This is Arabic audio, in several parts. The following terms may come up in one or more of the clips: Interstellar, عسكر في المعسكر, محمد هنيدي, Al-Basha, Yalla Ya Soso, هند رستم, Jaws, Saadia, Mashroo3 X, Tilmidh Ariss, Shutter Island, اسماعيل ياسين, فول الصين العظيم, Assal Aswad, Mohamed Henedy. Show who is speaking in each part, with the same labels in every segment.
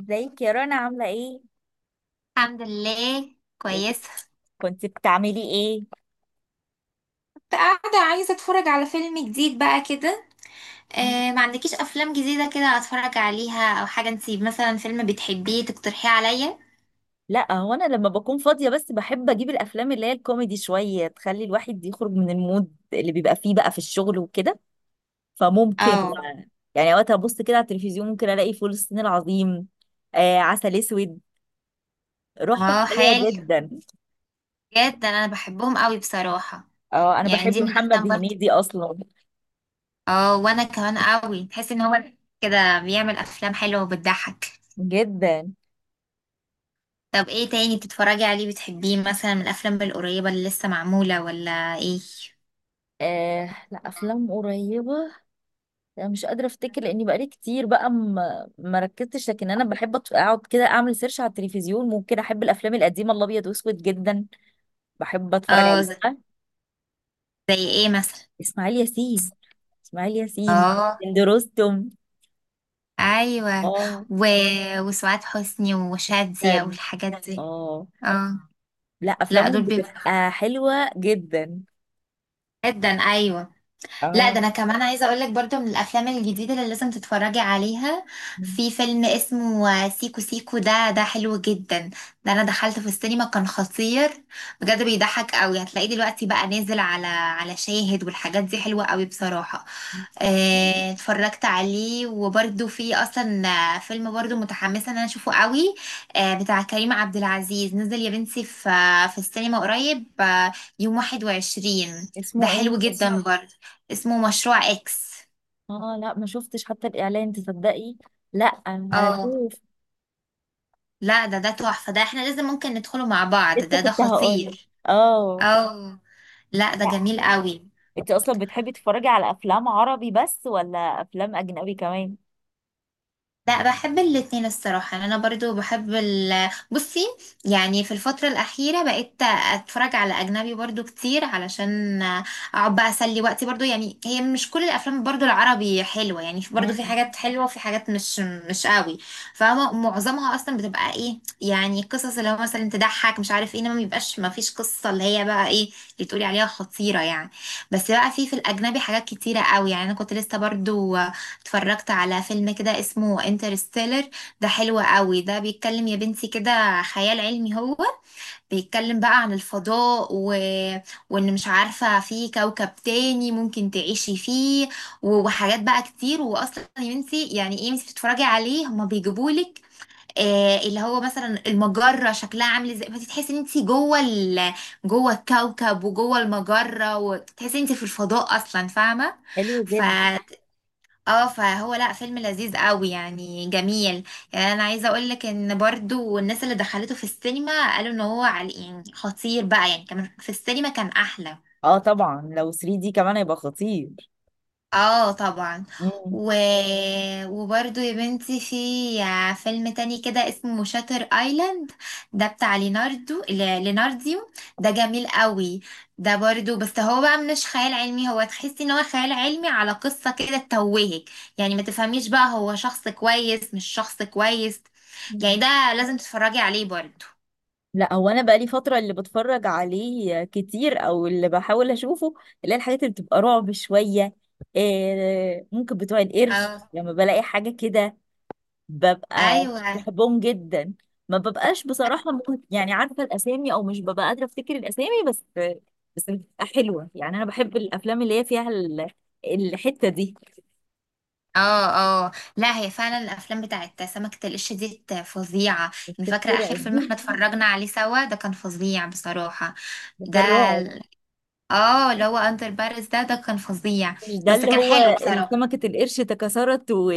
Speaker 1: ازيك يا رنا؟ عاملة ايه؟
Speaker 2: الحمد لله
Speaker 1: إيه
Speaker 2: كويسة.
Speaker 1: كنت بتعملي ايه؟
Speaker 2: كنت قاعدة عايزة اتفرج على فيلم جديد بقى كده. آه، ما عندكيش افلام جديدة كده اتفرج عليها او حاجة؟ انتي مثلا فيلم بتحبيه تقترحيه عليا؟
Speaker 1: لا، هو انا لما بكون فاضية بس بحب اجيب الافلام اللي هي الكوميدي شوية، تخلي الواحد يخرج من المود اللي بيبقى فيه بقى في الشغل وكده. فممكن
Speaker 2: اه.
Speaker 1: يعني وقت ابص كده على التلفزيون ممكن الاقي فول الصين العظيم، آه، عسل اسود. روحهم
Speaker 2: اه حلو،
Speaker 1: حلوة جدا.
Speaker 2: بجد انا بحبهم قوي بصراحة.
Speaker 1: اه، انا
Speaker 2: يعني
Speaker 1: بحب
Speaker 2: دي من
Speaker 1: محمد
Speaker 2: الافلام برضه.
Speaker 1: هنيدي اصلا
Speaker 2: اه وانا كمان قوي، تحس ان هو كده بيعمل افلام حلوة وبتضحك.
Speaker 1: جدا.
Speaker 2: طب ايه تاني بتتفرجي عليه بتحبيه مثلا من الافلام القريبة اللي لسه معمولة ولا ايه؟
Speaker 1: آه، لا افلام قريبة. انا مش قادره افتكر، لاني بقالي كتير بقى ما ركزتش. لكن انا بحب اقعد كده اعمل سيرش على التلفزيون، ممكن احب الافلام القديمه الابيض واسود جدا. بحب اتفرج
Speaker 2: اه زي،
Speaker 1: عليها.
Speaker 2: زي ايه مثلا؟
Speaker 1: اسماعيل ياسين، اسماعيل ياسين،
Speaker 2: اه،
Speaker 1: هند رستم،
Speaker 2: ايوه.
Speaker 1: اه.
Speaker 2: و... وسعاد حسني وشادية
Speaker 1: كان،
Speaker 2: والحاجات دي.
Speaker 1: اه،
Speaker 2: اه،
Speaker 1: لا
Speaker 2: لا
Speaker 1: افلامهم
Speaker 2: دول بيبقوا
Speaker 1: بتبقى حلوه جدا.
Speaker 2: جدا، ايوه. لا ده
Speaker 1: اه،
Speaker 2: انا كمان عايزه اقول لك برضو من الافلام الجديده اللي لازم تتفرجي عليها. في فيلم اسمه سيكو سيكو، ده حلو جدا. ده انا دخلت في السينما كان خطير، بجد بيضحك قوي. هتلاقيه دلوقتي بقى نازل على شاهد والحاجات دي حلوه قوي بصراحه. اتفرجت عليه وبرده في اصلا. فيلم برده متحمسه ان انا اشوفه قوي. بتاع كريم عبد العزيز نزل يا بنتي في في السينما قريب، يوم 21. ده
Speaker 1: اسمه ايه؟
Speaker 2: حلو جدا برده، اسمه مشروع اكس.
Speaker 1: اه لا، ما شفتش حتى الاعلان، تصدقي؟ لا،
Speaker 2: اه
Speaker 1: هشوف.
Speaker 2: لا ده تحفه، ده احنا لازم ممكن ندخله مع بعض،
Speaker 1: لسه
Speaker 2: ده
Speaker 1: كنت هقول
Speaker 2: خطير.
Speaker 1: اه.
Speaker 2: اه، لا ده
Speaker 1: لا،
Speaker 2: جميل قوي.
Speaker 1: انت اصلا بتحبي تتفرجي على افلام عربي بس ولا افلام اجنبي كمان؟
Speaker 2: لا بحب الاتنين الصراحة، يعني أنا برضو بحب ال، بصي. يعني في الفترة الأخيرة بقيت أتفرج على أجنبي برضو كتير، علشان أقعد بقى أسلي وقتي برضو. يعني هي مش كل الأفلام برضو العربي حلوة، يعني برضو في
Speaker 1: مم.
Speaker 2: حاجات حلوة وفي حاجات مش قوي. فمعظمها أصلا بتبقى إيه، يعني قصص اللي هو مثلا تضحك مش عارف إيه، إنما مبيبقاش مفيش قصة اللي هي بقى إيه، اللي تقولي عليها خطيرة يعني. بس بقى في الأجنبي حاجات كتيرة قوي. يعني أنا كنت لسه برضو اتفرجت على فيلم كده اسمه انترستيلر، ده حلو قوي. ده بيتكلم يا بنتي كده خيال علمي هو، بيتكلم بقى عن الفضاء وان مش عارفة في كوكب تاني ممكن تعيشي فيه، وحاجات بقى كتير. واصلا يا بنتي يعني ايه انتي بتتفرجي عليه، هما بيجيبولك آه، اللي هو مثلا المجرة شكلها عامل ازاي، فتحسي ان انتي جوه الكوكب وجوه المجرة، وتحسي ان انتي في الفضاء اصلا فاهمة.
Speaker 1: حلو
Speaker 2: ف
Speaker 1: جدا.
Speaker 2: اه فهو لا فيلم لذيذ قوي يعني جميل. يعني انا عايزه اقول لك ان برضو الناس اللي دخلته في السينما قالوا ان هو على يعني خطير بقى، يعني كمان في السينما كان احلى.
Speaker 1: اه طبعا، لو 3 دي كمان هيبقى خطير.
Speaker 2: اه طبعا.
Speaker 1: مم.
Speaker 2: و... وبرضو يا بنتي في فيلم تاني كده اسمه شاتر ايلاند، ده بتاع ليناردو، لينارديو. ده جميل قوي، ده برضو بس هو بقى مش خيال علمي. هو تحسي ان هو خيال علمي على قصة كده تتوهك، يعني ما تفهميش بقى هو شخص كويس مش شخص كويس. يعني
Speaker 1: مم.
Speaker 2: ده لازم تتفرجي عليه برضو.
Speaker 1: لا، هو انا بقالي فتره اللي بتفرج عليه كتير او اللي بحاول اشوفه اللي هي الحاجات اللي بتبقى رعب شويه. إيه، ممكن بتوع القرش
Speaker 2: اه،
Speaker 1: لما بلاقي حاجه كده ببقى
Speaker 2: ايوه.
Speaker 1: بحبهم جدا. ما ببقاش بصراحة ممكن يعني عارفة الأسامي، أو مش ببقى قادرة أفتكر الأسامي، بس بس بتبقى حلوة. يعني أنا بحب الأفلام اللي هي فيها الحتة دي.
Speaker 2: اه، اه لا هي فعلا الافلام بتاعت سمكة القش دي فظيعة. يعني فاكرة اخر
Speaker 1: بتترعب
Speaker 2: فيلم
Speaker 1: دي،
Speaker 2: احنا اتفرجنا عليه سوا، ده كان فظيع بصراحة. ده
Speaker 1: بترعب.
Speaker 2: ال- اه اللي هو اندر بارس ده كان فظيع،
Speaker 1: مش ده
Speaker 2: بس
Speaker 1: اللي
Speaker 2: كان حلو
Speaker 1: هو
Speaker 2: بصراحة.
Speaker 1: سمكة القرش تكسرت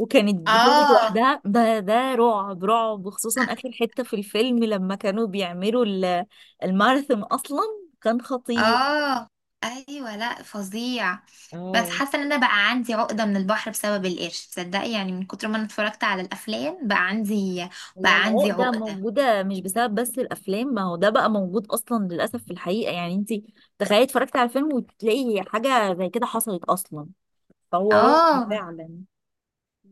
Speaker 1: وكانت بتولد
Speaker 2: اه،
Speaker 1: لوحدها؟ ده رعب رعب، وخصوصا آخر حتة في الفيلم لما كانوا بيعملوا الماراثون أصلا. كان خطير.
Speaker 2: اه ايوه، لا فظيع. بس
Speaker 1: اه،
Speaker 2: حاسة ان انا بقى عندي عقدة من البحر بسبب القرش، تصدقي يعني من كتر ما انا اتفرجت على الافلام بقى عندي
Speaker 1: هي
Speaker 2: بقى عندي
Speaker 1: العقدة
Speaker 2: عقدة.
Speaker 1: موجودة مش بسبب بس الأفلام، ما هو ده بقى موجود أصلا للأسف في الحقيقة. يعني أنت تخيلي اتفرجتي على فيلم وتلاقي حاجة زي كده حصلت أصلا، فهو رعب
Speaker 2: اه،
Speaker 1: فعلا.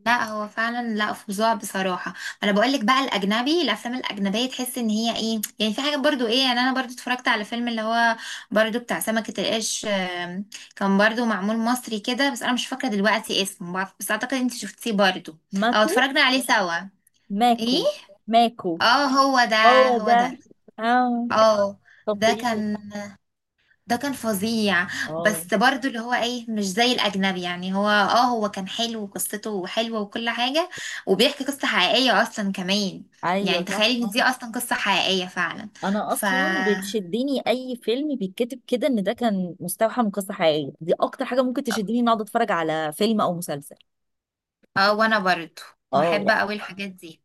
Speaker 2: لا هو فعلا لا فظاع بصراحه. انا بقول لك بقى الاجنبي، الافلام الاجنبيه تحس ان هي ايه يعني، في حاجه برضو ايه يعني. انا برضو اتفرجت على فيلم اللي هو برضو بتاع سمكه القرش، كان برضو معمول مصري كده، بس انا مش فاكره دلوقتي اسمه. بس اعتقد انت شفتيه برضو او
Speaker 1: ماكو،
Speaker 2: اتفرجنا عليه سوا. ايه؟
Speaker 1: ماكو، ماكو.
Speaker 2: اه، هو ده،
Speaker 1: هو
Speaker 2: هو
Speaker 1: ده.
Speaker 2: ده.
Speaker 1: اه،
Speaker 2: اه. ده
Speaker 1: تطبيق.
Speaker 2: كان، ده كان فظيع.
Speaker 1: اه،
Speaker 2: بس برضو اللي هو ايه، مش زي الاجنبي. يعني هو اه، هو كان حلو وقصته حلوة وكل حاجة، وبيحكي قصة حقيقية اصلا كمان.
Speaker 1: أيوه
Speaker 2: يعني
Speaker 1: صح.
Speaker 2: تخيلي ان دي اصلا قصة حقيقية فعلا.
Speaker 1: أنا
Speaker 2: ف
Speaker 1: أصلا بتشدني أي فيلم بيتكتب كده إن ده كان مستوحى من قصة حقيقية، دي أكتر حاجة ممكن تشدني إن أقعد أتفرج على فيلم أو مسلسل.
Speaker 2: اه، وانا برضو بحب
Speaker 1: اه،
Speaker 2: قوي الحاجات دي.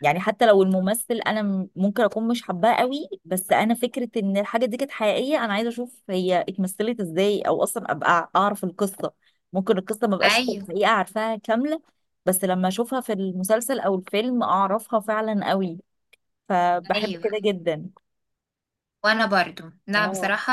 Speaker 1: يعني حتى لو الممثل انا ممكن اكون مش حباه قوي، بس انا فكره ان الحاجه دي كانت حقيقيه، انا عايزه اشوف هي اتمثلت ازاي، او اصلا ابقى اعرف القصه. ممكن القصه ما بقاش في
Speaker 2: ايوه،
Speaker 1: الحقيقه عارفاها كامله، بس لما اشوفها في المسلسل او الفيلم اعرفها فعلا قوي. فبحب
Speaker 2: ايوه.
Speaker 1: كده جدا.
Speaker 2: وانا برضو لا
Speaker 1: اه،
Speaker 2: بصراحة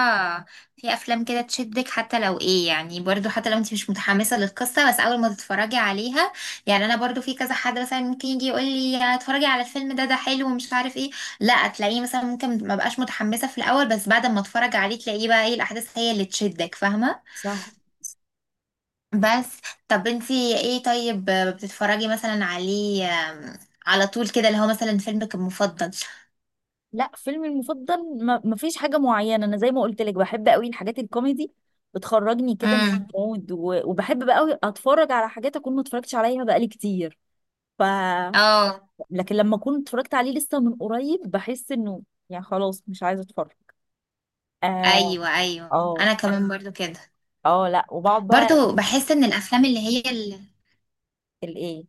Speaker 2: في افلام كده تشدك حتى لو ايه، يعني برضو حتى لو انت مش متحمسة للقصة، بس اول ما تتفرجي عليها. يعني انا برضو في كذا حد مثلا ممكن يجي يقول لي اتفرجي على الفيلم ده، ده حلو ومش عارف ايه، لا تلاقيه مثلا ممكن ما بقاش متحمسة في الاول، بس بعد ما اتفرج عليه تلاقيه بقى ايه، الاحداث هي اللي تشدك فاهمة.
Speaker 1: صح.
Speaker 2: بس، طب انت ايه طيب بتتفرجي مثلا عليه، على طول كده اللي هو مثلا فيلمك المفضل؟
Speaker 1: لا فيلمي المفضل ما فيش حاجه معينه. انا زي ما قلت لك بحب قوي الحاجات الكوميدي، بتخرجني كده من
Speaker 2: امم.
Speaker 1: المود. وبحب بقى قوي اتفرج على حاجات اكون ما اتفرجتش عليها بقالي كتير. ف
Speaker 2: اه،
Speaker 1: لكن لما اكون اتفرجت عليه لسه من قريب بحس انه يعني خلاص مش عايزه اتفرج. اه،
Speaker 2: ايوه، ايوه.
Speaker 1: اه،
Speaker 2: انا كمان برضو كده.
Speaker 1: اه. لا وبقعد بقى
Speaker 2: برضو بحس ان الافلام
Speaker 1: الايه.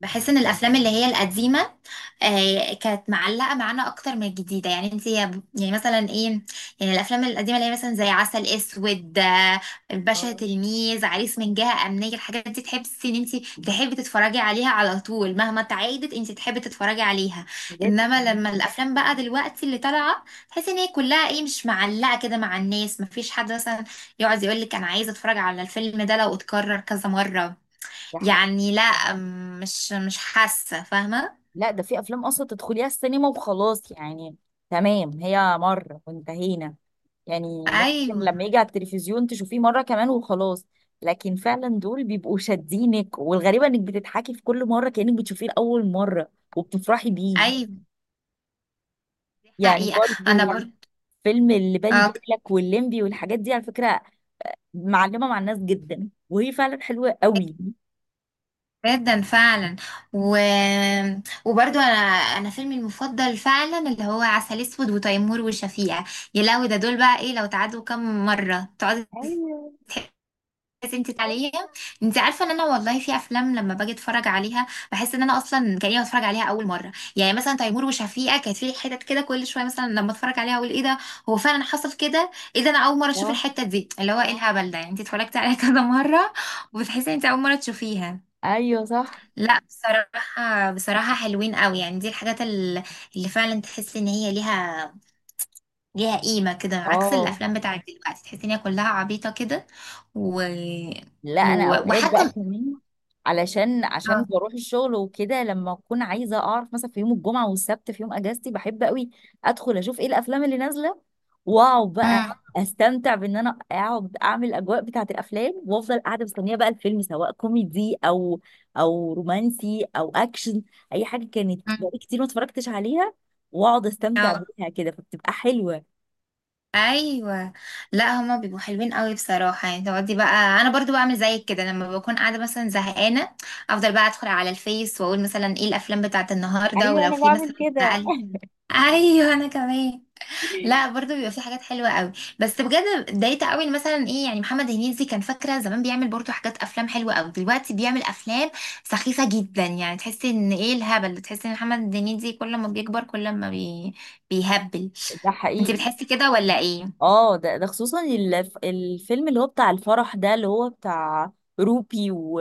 Speaker 2: بحس ان الافلام اللي هي القديمه، آه، كانت معلقه معانا اكتر من الجديده. يعني انت يعني مثلا ايه، يعني الافلام القديمه اللي هي مثلا زي عسل اسود، الباشا
Speaker 1: اه،
Speaker 2: تلميذ، عريس من جهه امنيه، الحاجات دي تحسي ان انت تحبي تتفرجي عليها على طول. مهما تعيدت انت تحبي تتفرجي عليها.
Speaker 1: بجد.
Speaker 2: انما لما الافلام بقى دلوقتي اللي طالعه، تحسي ان هي كلها ايه مش معلقه كده مع الناس. مفيش حد مثلا يقعد يقول لك انا عايز اتفرج على الفيلم ده لو اتكرر كذا مره.
Speaker 1: ده حقيقي.
Speaker 2: يعني لا، مش حاسة فاهمة.
Speaker 1: لا، ده في افلام اصلا تدخليها السينما وخلاص، يعني تمام هي مره وانتهينا. يعني ممكن
Speaker 2: ايوه،
Speaker 1: لما يجي على التلفزيون تشوفيه مره كمان وخلاص. لكن فعلا دول بيبقوا شادينك، والغريبه انك بتضحكي في كل مره كانك بتشوفيه لاول مره وبتفرحي بيه.
Speaker 2: ايوه.
Speaker 1: يعني
Speaker 2: حقيقة، انا
Speaker 1: برضو،
Speaker 2: برضه.
Speaker 1: فيلم اللي بالي
Speaker 2: اه
Speaker 1: بالك والليمبي والحاجات دي على فكرة، معلمة مع الناس جدا، وهي فعلا حلوة قوي.
Speaker 2: جدا فعلا. و... وبرضو انا، انا فيلمي المفضل فعلا اللي هو عسل اسود وتيمور وشفيقة. يا لهوي، ده دول بقى ايه لو تعادوا كم مرة تقعدي.
Speaker 1: ايوه
Speaker 2: بس انت تعالي، انت عارفه ان انا والله في افلام لما باجي اتفرج عليها بحس ان انا اصلا كاني بتفرج عليها اول مره. يعني مثلا تيمور وشفيقه كانت في حتت كده كل شويه، مثلا لما اتفرج عليها اقول ايه ده، هو فعلا حصل كده؟ ايه ده انا اول مره اشوف
Speaker 1: صح.
Speaker 2: الحته دي، اللي هو ايه الهبل ده. يعني انت اتفرجتي عليها كذا مره وبتحسي ان انت اول مره تشوفيها.
Speaker 1: ايوه صح.
Speaker 2: لا بصراحه، بصراحه حلوين قوي، يعني دي الحاجات اللي فعلا تحسي ان هي ليها قيمه كده، عكس
Speaker 1: اه
Speaker 2: الافلام بتاعت دلوقتي تحسي ان هي كلها عبيطه كده. و...
Speaker 1: لا، انا اوقات
Speaker 2: وحتى
Speaker 1: بقى كمان علشان عشان
Speaker 2: اه.
Speaker 1: بروح الشغل وكده، لما اكون عايزه اعرف مثلا في يوم الجمعه والسبت في يوم اجازتي بحب قوي ادخل اشوف ايه الافلام اللي نازله، واقعد بقى
Speaker 2: امم.
Speaker 1: استمتع بان انا اقعد اعمل الاجواء بتاعه الافلام، وافضل قاعده مستنيه بقى الفيلم سواء كوميدي او او رومانسي او اكشن، اي حاجه كانت
Speaker 2: امم،
Speaker 1: بقالي كتير ما اتفرجتش عليها، واقعد استمتع
Speaker 2: اه
Speaker 1: بيها كده، فبتبقى حلوه.
Speaker 2: ايوه، لا هما بيبقوا حلوين قوي بصراحه، يعني تقعدي بقى. انا برضو بعمل زيك كده لما بكون قاعده مثلا زهقانه، افضل بقى ادخل على الفيس واقول مثلا ايه الافلام بتاعت النهارده،
Speaker 1: ايوه،
Speaker 2: ولو
Speaker 1: انا
Speaker 2: في
Speaker 1: بعمل
Speaker 2: مثلا
Speaker 1: كده.
Speaker 2: بقى، ايوه انا كمان. لا برضه بيبقى في حاجات حلوه قوي. بس بجد اتضايقت قوي إن مثلا ايه، يعني محمد هنيدي كان فاكره زمان بيعمل برضه حاجات افلام حلوه قوي، دلوقتي بيعمل افلام سخيفه جدا. يعني تحسي ان ايه الهبل، تحسي ان محمد هنيدي كل ما بيكبر كل ما بيهبل.
Speaker 1: ده
Speaker 2: انت
Speaker 1: حقيقي.
Speaker 2: بتحسي كده ولا ايه؟
Speaker 1: اه، ده خصوصا الفيلم اللي هو بتاع الفرح ده، اللي هو بتاع روبي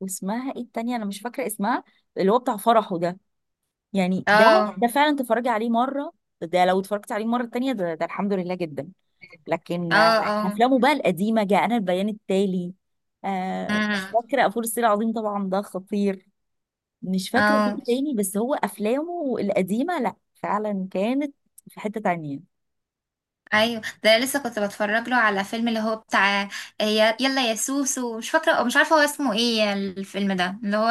Speaker 1: واسمها ايه التانية، انا مش فاكرة اسمها، اللي هو بتاع فرحه ده. يعني ده،
Speaker 2: اه،
Speaker 1: ده فعلا تتفرجي عليه مرة، ده لو اتفرجت عليه مرة تانية، ده الحمد لله جدا. لكن
Speaker 2: اه،
Speaker 1: آه،
Speaker 2: اه.
Speaker 1: افلامه بقى القديمة جاء انا البيان التالي، آه مش
Speaker 2: امم،
Speaker 1: فاكرة، فول الصين العظيم طبعا ده خطير. مش فاكرة
Speaker 2: اه
Speaker 1: فيه تاني، بس هو افلامه القديمة لا فعلا كانت في حتة تانية.
Speaker 2: ايوه. ده أنا لسه كنت بتفرج له على فيلم اللي هو بتاع، يلا يا سوسو، مش فاكره مش عارفه هو اسمه ايه الفيلم ده اللي هو،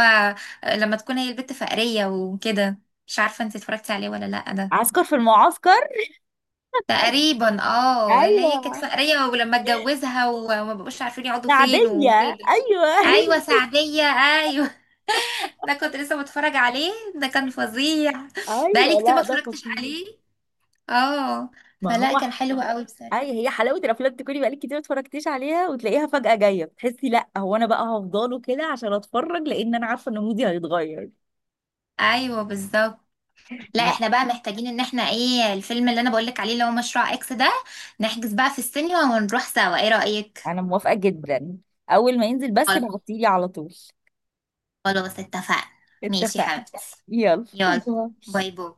Speaker 2: لما تكون هي البت فقريه وكده. مش عارفه انت اتفرجتي عليه ولا لا ده؟
Speaker 1: عسكر في المعسكر،
Speaker 2: تقريبا اه اللي هي كانت
Speaker 1: ايوه
Speaker 2: فقريه، ولما اتجوزها وما بقوش عارفين يقعدوا فين
Speaker 1: العادية،
Speaker 2: وكده.
Speaker 1: أيوه
Speaker 2: ايوه،
Speaker 1: هي.
Speaker 2: سعديه ايوه. ده كنت لسه بتفرج عليه، ده كان فظيع. بقالي
Speaker 1: أيوه،
Speaker 2: كتير
Speaker 1: لا
Speaker 2: ما
Speaker 1: ده
Speaker 2: اتفرجتش
Speaker 1: خطير.
Speaker 2: عليه. اه،
Speaker 1: ما
Speaker 2: فلا
Speaker 1: هو
Speaker 2: كان حلو قوي بصراحه.
Speaker 1: أي هي حلاوة الأفلام تكوني بقالك كتير ما اتفرجتيش عليها وتلاقيها فجأة جاية، بتحسي لا هو أنا بقى هفضله كده عشان أتفرج، لأن أنا عارفة إن مودي هيتغير.
Speaker 2: ايوه بالظبط. لا
Speaker 1: لا،
Speaker 2: احنا بقى محتاجين ان احنا ايه، الفيلم اللي انا بقولك عليه اللي هو مشروع اكس ده، نحجز بقى في السينما ونروح سوا، ايه رأيك؟
Speaker 1: أنا موافقة جدا، أول ما ينزل بس
Speaker 2: خلاص،
Speaker 1: بعتيلي على طول.
Speaker 2: خلاص اتفقنا. ماشي يا
Speaker 1: اتفقنا.
Speaker 2: حبيبتي.
Speaker 1: يلا
Speaker 2: يلا،
Speaker 1: باي.
Speaker 2: باي باي.